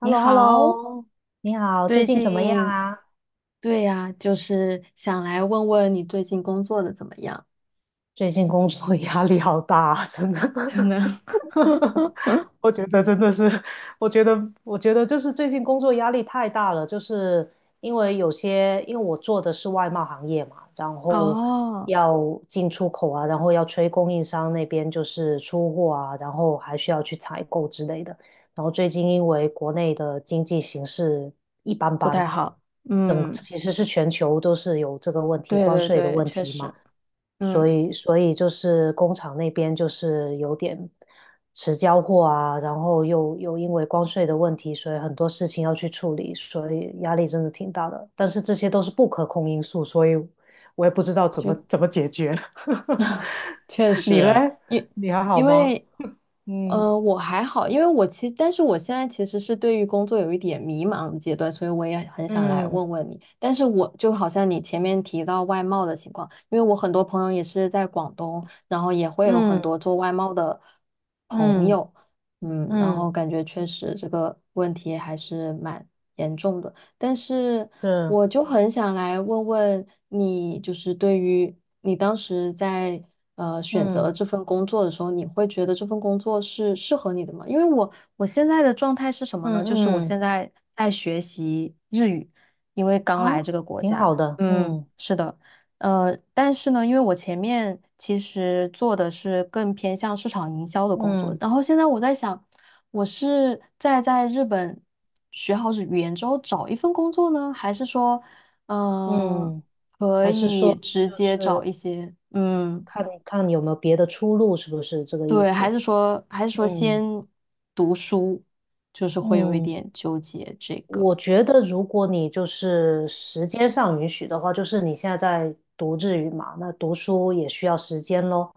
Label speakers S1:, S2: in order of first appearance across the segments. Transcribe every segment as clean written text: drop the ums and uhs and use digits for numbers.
S1: h e l
S2: 你
S1: l o h e l l
S2: 好，
S1: o 你好，最
S2: 最
S1: 近怎么样
S2: 近，
S1: 啊？
S2: 对呀，就是想来问问你最近工作的怎么样？
S1: 最近工作压力好大啊，真的。
S2: 可能。
S1: 我觉得真的是，我觉得，我觉得就是最近工作压力太大了，就是因为我做的是外贸行业嘛，然后
S2: 哦，
S1: 要进出口啊，然后要催供应商那边就是出货啊，然后还需要去采购之类的。然后最近因为国内的经济形势一般
S2: 不
S1: 般，
S2: 太好。嗯，
S1: 其实是全球都是有这个问题，
S2: 对
S1: 关
S2: 对
S1: 税的
S2: 对，
S1: 问
S2: 确
S1: 题嘛。
S2: 实，
S1: 所
S2: 嗯，
S1: 以所以就是工厂那边就是有点迟交货啊，然后又因为关税的问题，所以很多事情要去处理，所以压力真的挺大的。但是这些都是不可控因素，所以我也不知道怎么
S2: 就
S1: 怎么解决。
S2: 确
S1: 你嘞？
S2: 实，因
S1: 你还好
S2: 因
S1: 吗？
S2: 为，
S1: 嗯
S2: 我还好，因为但是我现在其实是对于工作有一点迷茫的阶段，所以我也很想来
S1: 嗯
S2: 问问你。但是我就好像你前面提到外贸的情况，因为我很多朋友也是在广东，然后也会有很
S1: 嗯
S2: 多做外贸的朋
S1: 嗯
S2: 友，嗯，然
S1: 嗯，
S2: 后感觉确实这个问题还是蛮严重的。但是
S1: 是，
S2: 我就很想来问问你，就是对于你当时在选
S1: 嗯
S2: 择这份工作的时候，你会觉得这份工作是适合你的吗？因为我现在的状态是什么呢？
S1: 嗯
S2: 就是我
S1: 嗯。
S2: 现在在学习日语，因为
S1: 啊，
S2: 刚来这个国
S1: 挺
S2: 家。
S1: 好的。
S2: 嗯，
S1: 嗯
S2: 是的。但是呢，因为我前面其实做的是更偏向市场营销的工作，
S1: 嗯
S2: 然后现在我在想，我是在日本学好语言之后找一份工作呢，还是说，嗯、
S1: 嗯。
S2: 可
S1: 还是
S2: 以
S1: 说
S2: 直
S1: 就
S2: 接找
S1: 是
S2: 一些，嗯，
S1: 看看有没有别的出路，是不是这个意
S2: 对，还
S1: 思？
S2: 是说还是说
S1: 嗯。
S2: 先读书，就是会有一
S1: 嗯，
S2: 点纠结这个。
S1: 我觉得，如果你就是时间上允许的话，就是你现在在读日语嘛，那读书也需要时间咯。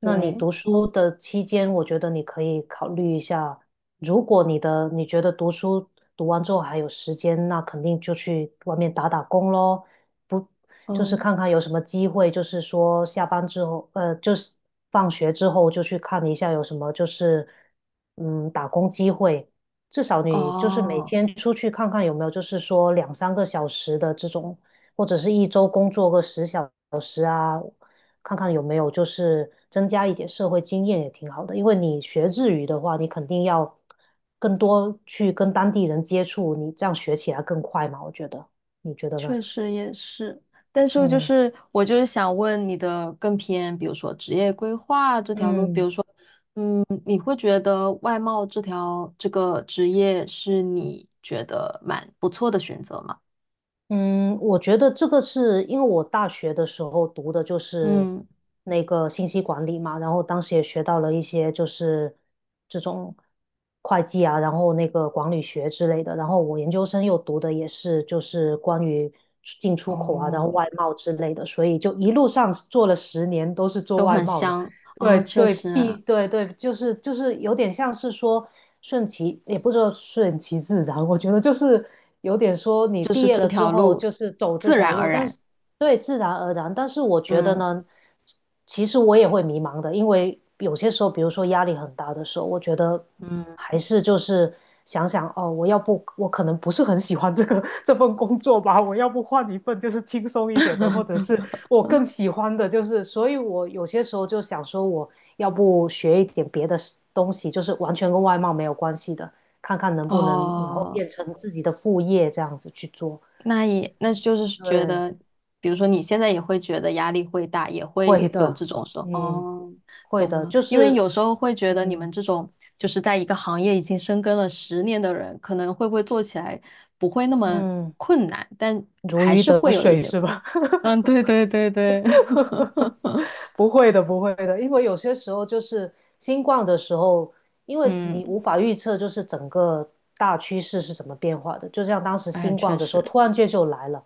S1: 那你
S2: 对，
S1: 读书的期间，我觉得你可以考虑一下，如果你觉得读书读完之后还有时间，那肯定就去外面打打工咯，不就是
S2: 嗯，
S1: 看看有什么机会，就是说下班之后，就是放学之后就去看一下有什么就是打工机会。至少你就是每
S2: 哦，
S1: 天出去看看有没有，就是说两三个小时的这种，或者是一周工作个十小，看看有没有就是增加一点社会经验也挺好的。因为你学日语的话，你肯定要更多去跟当地人接触，你这样学起来更快嘛，我觉得，你觉得呢？
S2: 确实也是，但是就
S1: 嗯
S2: 是我就是想问你的更偏，比如说职业规划这条路，比
S1: 嗯
S2: 如说。你会觉得外贸这条这个职业是你觉得蛮不错的选择吗？
S1: 嗯。我觉得这个是因为我大学的时候读的就是
S2: 嗯，
S1: 那个信息管理嘛，然后当时也学到了一些就是这种会计啊，然后那个管理学之类的，然后我研究生又读的也是就是关于进出口啊，然后
S2: 哦，
S1: 外贸之类的，所以就一路上做了十年都是做
S2: 都
S1: 外
S2: 很
S1: 贸的。
S2: 香
S1: 对
S2: 哦，确
S1: 对
S2: 实啊，
S1: 对对，就是有点像是说顺其，也不知道顺其自然。我觉得就是有点说你毕业了之后就是走这
S2: 自
S1: 条
S2: 然
S1: 路，
S2: 而
S1: 但
S2: 然，
S1: 是对自然而然。但是我觉得
S2: 嗯
S1: 呢，其实我也会迷茫的，因为有些时候，比如说压力很大的时候，我觉得还
S2: 嗯，
S1: 是就是想想哦，我要不我可能不是很喜欢这个 这份工作吧，我要不换一份就是轻松一点的，或者是我更喜欢的就是，所以我有些时候就想说，我要不学一点别的东西，就是完全跟外贸没有关系的，看看能不能以后
S2: 哦。
S1: 变成自己的副业这样子去做。
S2: 那也那就是觉
S1: 对，
S2: 得，比如说你现在也会觉得压力会大，也会
S1: 会
S2: 有这
S1: 的。
S2: 种说
S1: 嗯，
S2: 哦，
S1: 会
S2: 懂
S1: 的，
S2: 了，
S1: 就
S2: 因为
S1: 是，
S2: 有时候会觉得你们
S1: 嗯
S2: 这种就是在一个行业已经深耕了10年的人，可能会不会做起来不会那么
S1: 嗯，
S2: 困难，但
S1: 如
S2: 还
S1: 鱼
S2: 是
S1: 得
S2: 会有一
S1: 水
S2: 些，
S1: 是吧？
S2: 嗯，对对对对。
S1: 不会的，不会的。因为有些时候就是新冠的时候，因为你
S2: 嗯，
S1: 无法预测，就是整个大趋势是怎么变化的。就像当时
S2: 哎，
S1: 新冠
S2: 确
S1: 的时候，
S2: 实，
S1: 突然间就来了，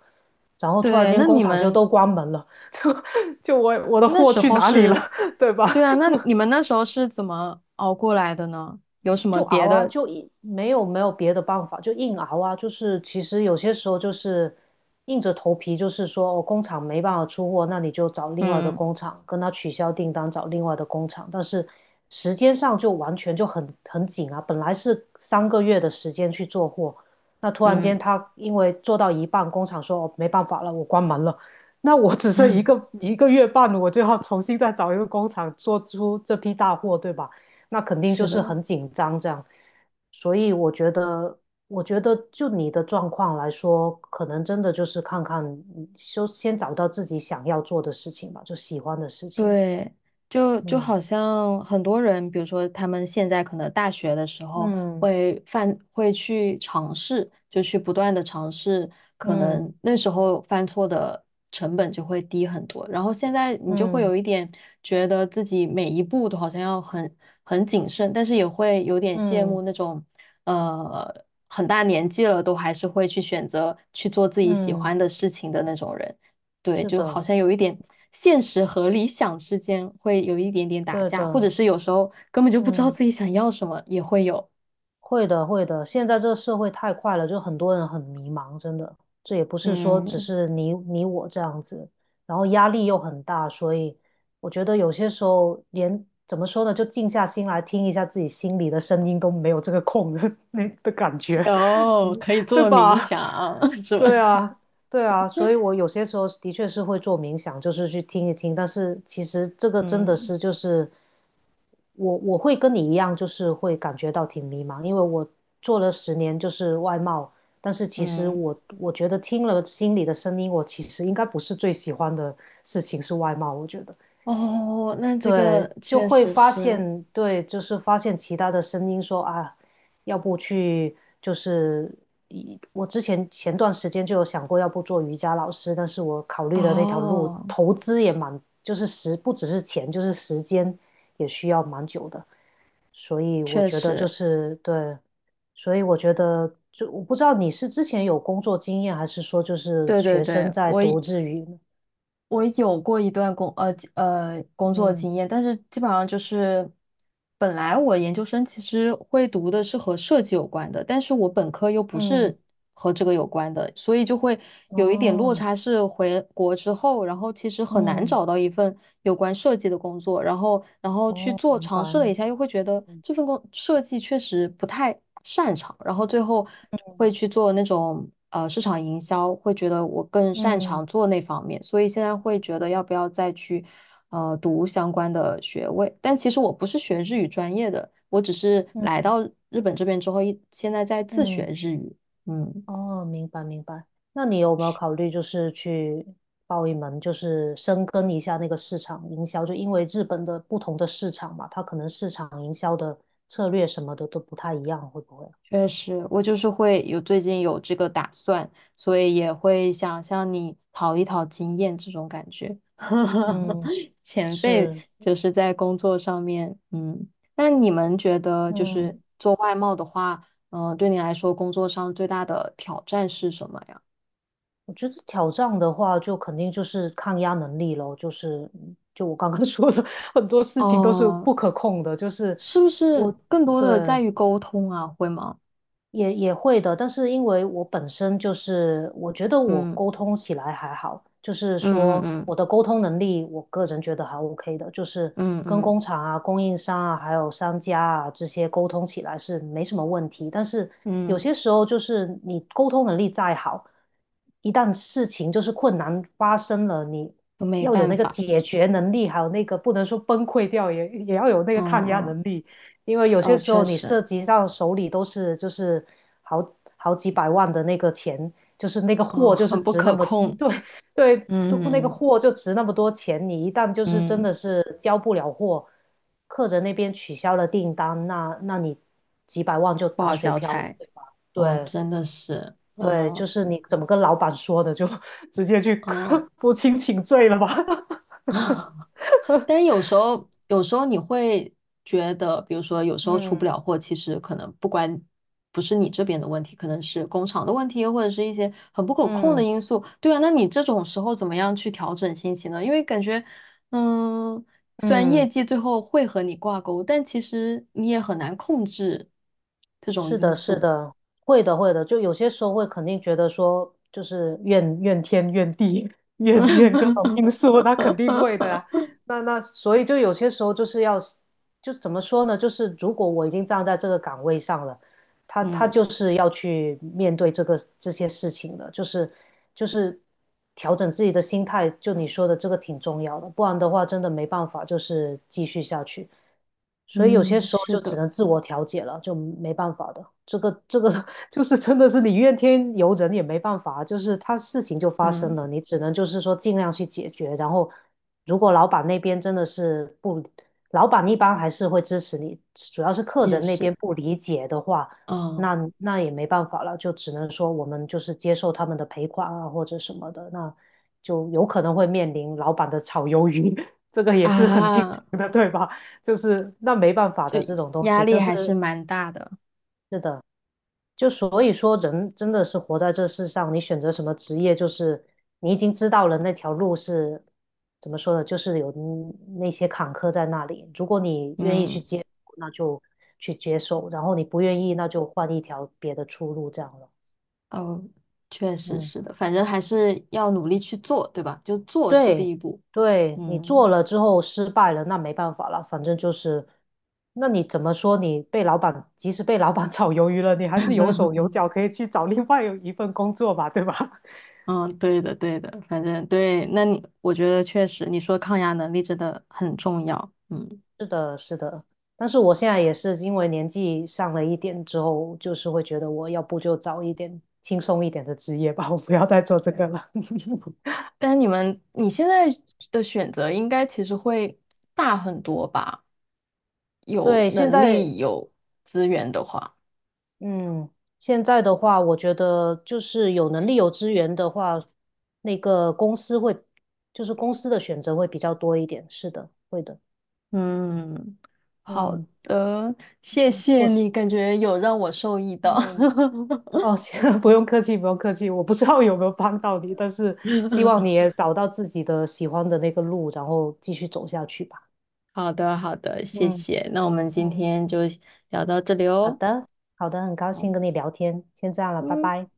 S1: 然后突然
S2: 对，
S1: 间
S2: 那
S1: 工
S2: 你
S1: 厂就
S2: 们
S1: 都关门了，就我的
S2: 那
S1: 货
S2: 时
S1: 去
S2: 候
S1: 哪里了，
S2: 是，
S1: 对吧？
S2: 对啊，那你们那时候是怎么熬过来的呢？有什么
S1: 就
S2: 别
S1: 熬啊，
S2: 的？
S1: 就没有别的办法，就硬熬啊。就是其实有些时候就是硬着头皮，就是说哦，工厂没办法出货，那你就找另外的
S2: 嗯
S1: 工厂跟他取消订单，找另外的工厂。但是时间上就完全就很紧啊，本来是3个月的时间去做货，那突然间
S2: 嗯，
S1: 他因为做到一半，工厂说哦没办法了，我关门了。那我只剩一个月半，我就要重新再找一个工厂做出这批大货，对吧？那肯定
S2: 是
S1: 就是
S2: 的。
S1: 很紧张这样。所以我觉得，就你的状况来说，可能真的就是看看，嗯就先找到自己想要做的事情吧，就喜欢的事情。
S2: 对，就就
S1: 嗯
S2: 好像很多人，比如说他们现在可能大学的时候
S1: 嗯
S2: 会犯，会去尝试，就去不断的尝试，可
S1: 嗯
S2: 能那时候犯错的成本就会低很多。然后现在你就会
S1: 嗯
S2: 有一点觉得自己每一步都好像要很谨慎，但是也会有点羡慕
S1: 嗯
S2: 那种，呃，很大年纪了都还是会去选择去做自己喜
S1: 嗯。
S2: 欢的事情的那种人。对，
S1: 是
S2: 就好
S1: 的。
S2: 像有一点现实和理想之间会有一点点打
S1: 对
S2: 架，或者
S1: 的。
S2: 是有时候根本就不知道
S1: 嗯。
S2: 自己想要什么，也会有。
S1: 会的，会的。现在这个社会太快了，就很多人很迷茫，真的。这也不是说只
S2: 嗯，
S1: 是你我这样子，然后压力又很大，所以我觉得有些时候连怎么说呢，就静下心来听一下自己心里的声音都没有这个空的 那的感觉，你
S2: 有，可以
S1: 对
S2: 做冥
S1: 吧？
S2: 想，是吧？
S1: 对啊，对啊。所以我有些时候的确是会做冥想，就是去听一听，但是其实这个真的
S2: 嗯，
S1: 是就是。我会跟你一样，就是会感觉到挺迷茫，因为我做了十年就是外贸，但是其实
S2: 嗯，
S1: 我觉得听了心里的声音，我其实应该不是最喜欢的事情是外贸。我觉得
S2: 哦，那这
S1: 对，
S2: 个
S1: 就
S2: 确
S1: 会
S2: 实
S1: 发
S2: 是，
S1: 现对，就是发现其他的声音说啊，要不去就是我之前段时间就有想过，要不做瑜伽老师，但是我考虑的那条路
S2: 哦，
S1: 投资也蛮，就是不只是钱，就是时间也需要蛮久的。所以我
S2: 确
S1: 觉得就
S2: 实，
S1: 是对，所以我觉得就我不知道你是之前有工作经验，还是说就是
S2: 对对
S1: 学生
S2: 对，
S1: 在
S2: 我
S1: 读日语呢？
S2: 我有过一段工作
S1: 嗯
S2: 经验，但是基本上就是本来我研究生其实会读的是和设计有关的，但是我本科又不
S1: 嗯。
S2: 是和这个有关的，所以就会有一点落
S1: 哦。
S2: 差。是回国之后，然后其实很难
S1: 嗯。
S2: 找到一份有关设计的工作，然后去
S1: 哦，
S2: 做
S1: 明
S2: 尝
S1: 白。
S2: 试了一下，又会觉得这份设计确实不太。擅长，然后最后会去做那种市场营销，会觉得我更擅
S1: 嗯
S2: 长做那方面，所以现在会觉得要不要再去读相关的学位。但其实我不是学日语专业的，我只是来
S1: 嗯
S2: 到日本这边之后现在在自学
S1: 嗯。
S2: 日语，嗯。
S1: 哦，明白明白。那你有没有考虑就是去报一门，就是深耕一下那个市场营销？就因为日本的不同的市场嘛，它可能市场营销的策略什么的都不太一样，会不会？
S2: 确实，我就是会有最近有这个打算，所以也会想向你讨一讨经验这种感觉。
S1: 嗯，
S2: 前辈
S1: 是。
S2: 就是在工作上面，嗯，那你们觉得就
S1: 嗯，
S2: 是做外贸的话，嗯、对你来说工作上最大的挑战是什么呀？
S1: 我觉得挑战的话，就肯定就是抗压能力咯，就是就我刚刚 说的，很多事情都是
S2: 哦，
S1: 不可控的，就是
S2: 是不是
S1: 我
S2: 更多的
S1: 对
S2: 在于沟通啊？会吗？
S1: 也会的，但是因为我本身就是，我觉得我
S2: 嗯
S1: 沟通起来还好，就是
S2: 嗯
S1: 说
S2: 嗯
S1: 我的沟通能力，我个人觉得还 OK 的，就是
S2: 嗯嗯
S1: 跟
S2: 嗯
S1: 工厂啊、供应商啊、还有商家啊这些沟通起来是没什么问题。但是有
S2: 嗯，
S1: 些时候就是你沟通能力再好，一旦事情就是困难发生了，你
S2: 都没
S1: 要有
S2: 办
S1: 那个
S2: 法，
S1: 解决能力，还有那个不能说崩溃掉，也要有那个
S2: 嗯
S1: 抗压能
S2: 嗯
S1: 力。因为有些
S2: 哦，
S1: 时
S2: 确
S1: 候你
S2: 实。
S1: 涉及到手里都是就是好几百万的那个钱，就是那个
S2: 哦，
S1: 货就是
S2: 很不
S1: 值那
S2: 可
S1: 么，嗯
S2: 控，
S1: 对对，那个
S2: 嗯
S1: 货就值那么多钱，你一旦就是真
S2: 嗯，
S1: 的是交不了货，客人那边取消了订单，那你几百万就
S2: 不
S1: 打
S2: 好
S1: 水
S2: 交
S1: 漂了，
S2: 差。
S1: 对吧？
S2: 哦，
S1: 对
S2: 真的是，
S1: 对，就
S2: 嗯
S1: 是你怎么跟老板说的，就 直接去
S2: 嗯。
S1: 不清请罪了吧？
S2: 但是有时候，有时候你会觉得，比如说有 时候出
S1: 嗯
S2: 不了货，其实可能不管不是你这边的问题，可能是工厂的问题，或者是一些很不可控的
S1: 嗯
S2: 因素。对啊，那你这种时候怎么样去调整心情呢？因为感觉，嗯，虽然业
S1: 嗯。
S2: 绩最后会和你挂钩，但其实你也很难控制这种
S1: 是
S2: 因
S1: 的，是
S2: 素。
S1: 的，会的，会的。就有些时候会肯定觉得说，就是怨天怨地 怨
S2: 嗯。
S1: 怨各种因素，那肯定会的呀。那所以就有些时候就是要，就怎么说呢？就是如果我已经站在这个岗位上了，他就
S2: 嗯
S1: 是要去面对这些事情的，就是调整自己的心态，就你说的这个挺重要的，不然的话真的没办法，就是继续下去。所以有些
S2: 嗯，
S1: 时候
S2: 是
S1: 就只
S2: 的，
S1: 能自我调节了，就没办法的。这个 就是真的是你怨天尤人也没办法，就是他事情就发生
S2: 嗯，
S1: 了，你只能就是说尽量去解决。然后，如果老板那边真的是不，老板一般还是会支持你，主要是客
S2: 也
S1: 人那
S2: 是，
S1: 边不理解的话，
S2: 嗯
S1: 那也没办法了，就只能说我们就是接受他们的赔款啊，或者什么的，那就有可能会面临老板的炒鱿鱼，这个也是很经
S2: 啊，
S1: 常的，对吧？就是那没办法的这种东
S2: 压
S1: 西，
S2: 力
S1: 就
S2: 还是
S1: 是
S2: 蛮大的，
S1: 是的，就所以说，人真的是活在这世上，你选择什么职业，就是你已经知道了那条路是怎么说呢，就是有那些坎坷在那里。如果你愿意
S2: 嗯
S1: 去接受那就去接受；然后你不愿意，那就换一条别的出路，这样了。
S2: 哦，确实
S1: 嗯，
S2: 是的，反正还是要努力去做，对吧？就做是第
S1: 对，
S2: 一步，
S1: 对，你
S2: 嗯。
S1: 做了之后失败了，那没办法了，反正就是，那你怎么说？你被老板，即使被老板 炒鱿鱼了，你还是 有手有脚，可以去找另外一份工作吧，对吧？
S2: 嗯，对的对的，反正对，那你我觉得确实，你说抗压能力真的很重要，嗯
S1: 是的，是的，但是我现在也是因为年纪上了一点之后，就是会觉得我要不就找一点轻松一点的职业吧，我不要再做这个了。
S2: 但你现在的选择应该其实会大很多吧？有
S1: 对，
S2: 能力有资源的话。
S1: 嗯，现在的话，我觉得就是有能力、有资源的话，那个公司会，就是公司的选择会比较多一点。是的，会的。
S2: 嗯，好
S1: 嗯，
S2: 的，谢
S1: 嗯，
S2: 谢
S1: 我是，
S2: 你，感觉有让我受益到。
S1: 嗯。哦，行，不用客气，不用客气。我不知道有没有帮到你，但是希望你 也找到自己的喜欢的那个路，然后继续走下去吧。
S2: 好的，好的，谢
S1: 嗯
S2: 谢。那我们今
S1: 嗯，
S2: 天就聊到这里
S1: 好
S2: 哦。
S1: 的，好的，很高
S2: 好，
S1: 兴跟你聊天，先这样了，拜
S2: 嗯。
S1: 拜。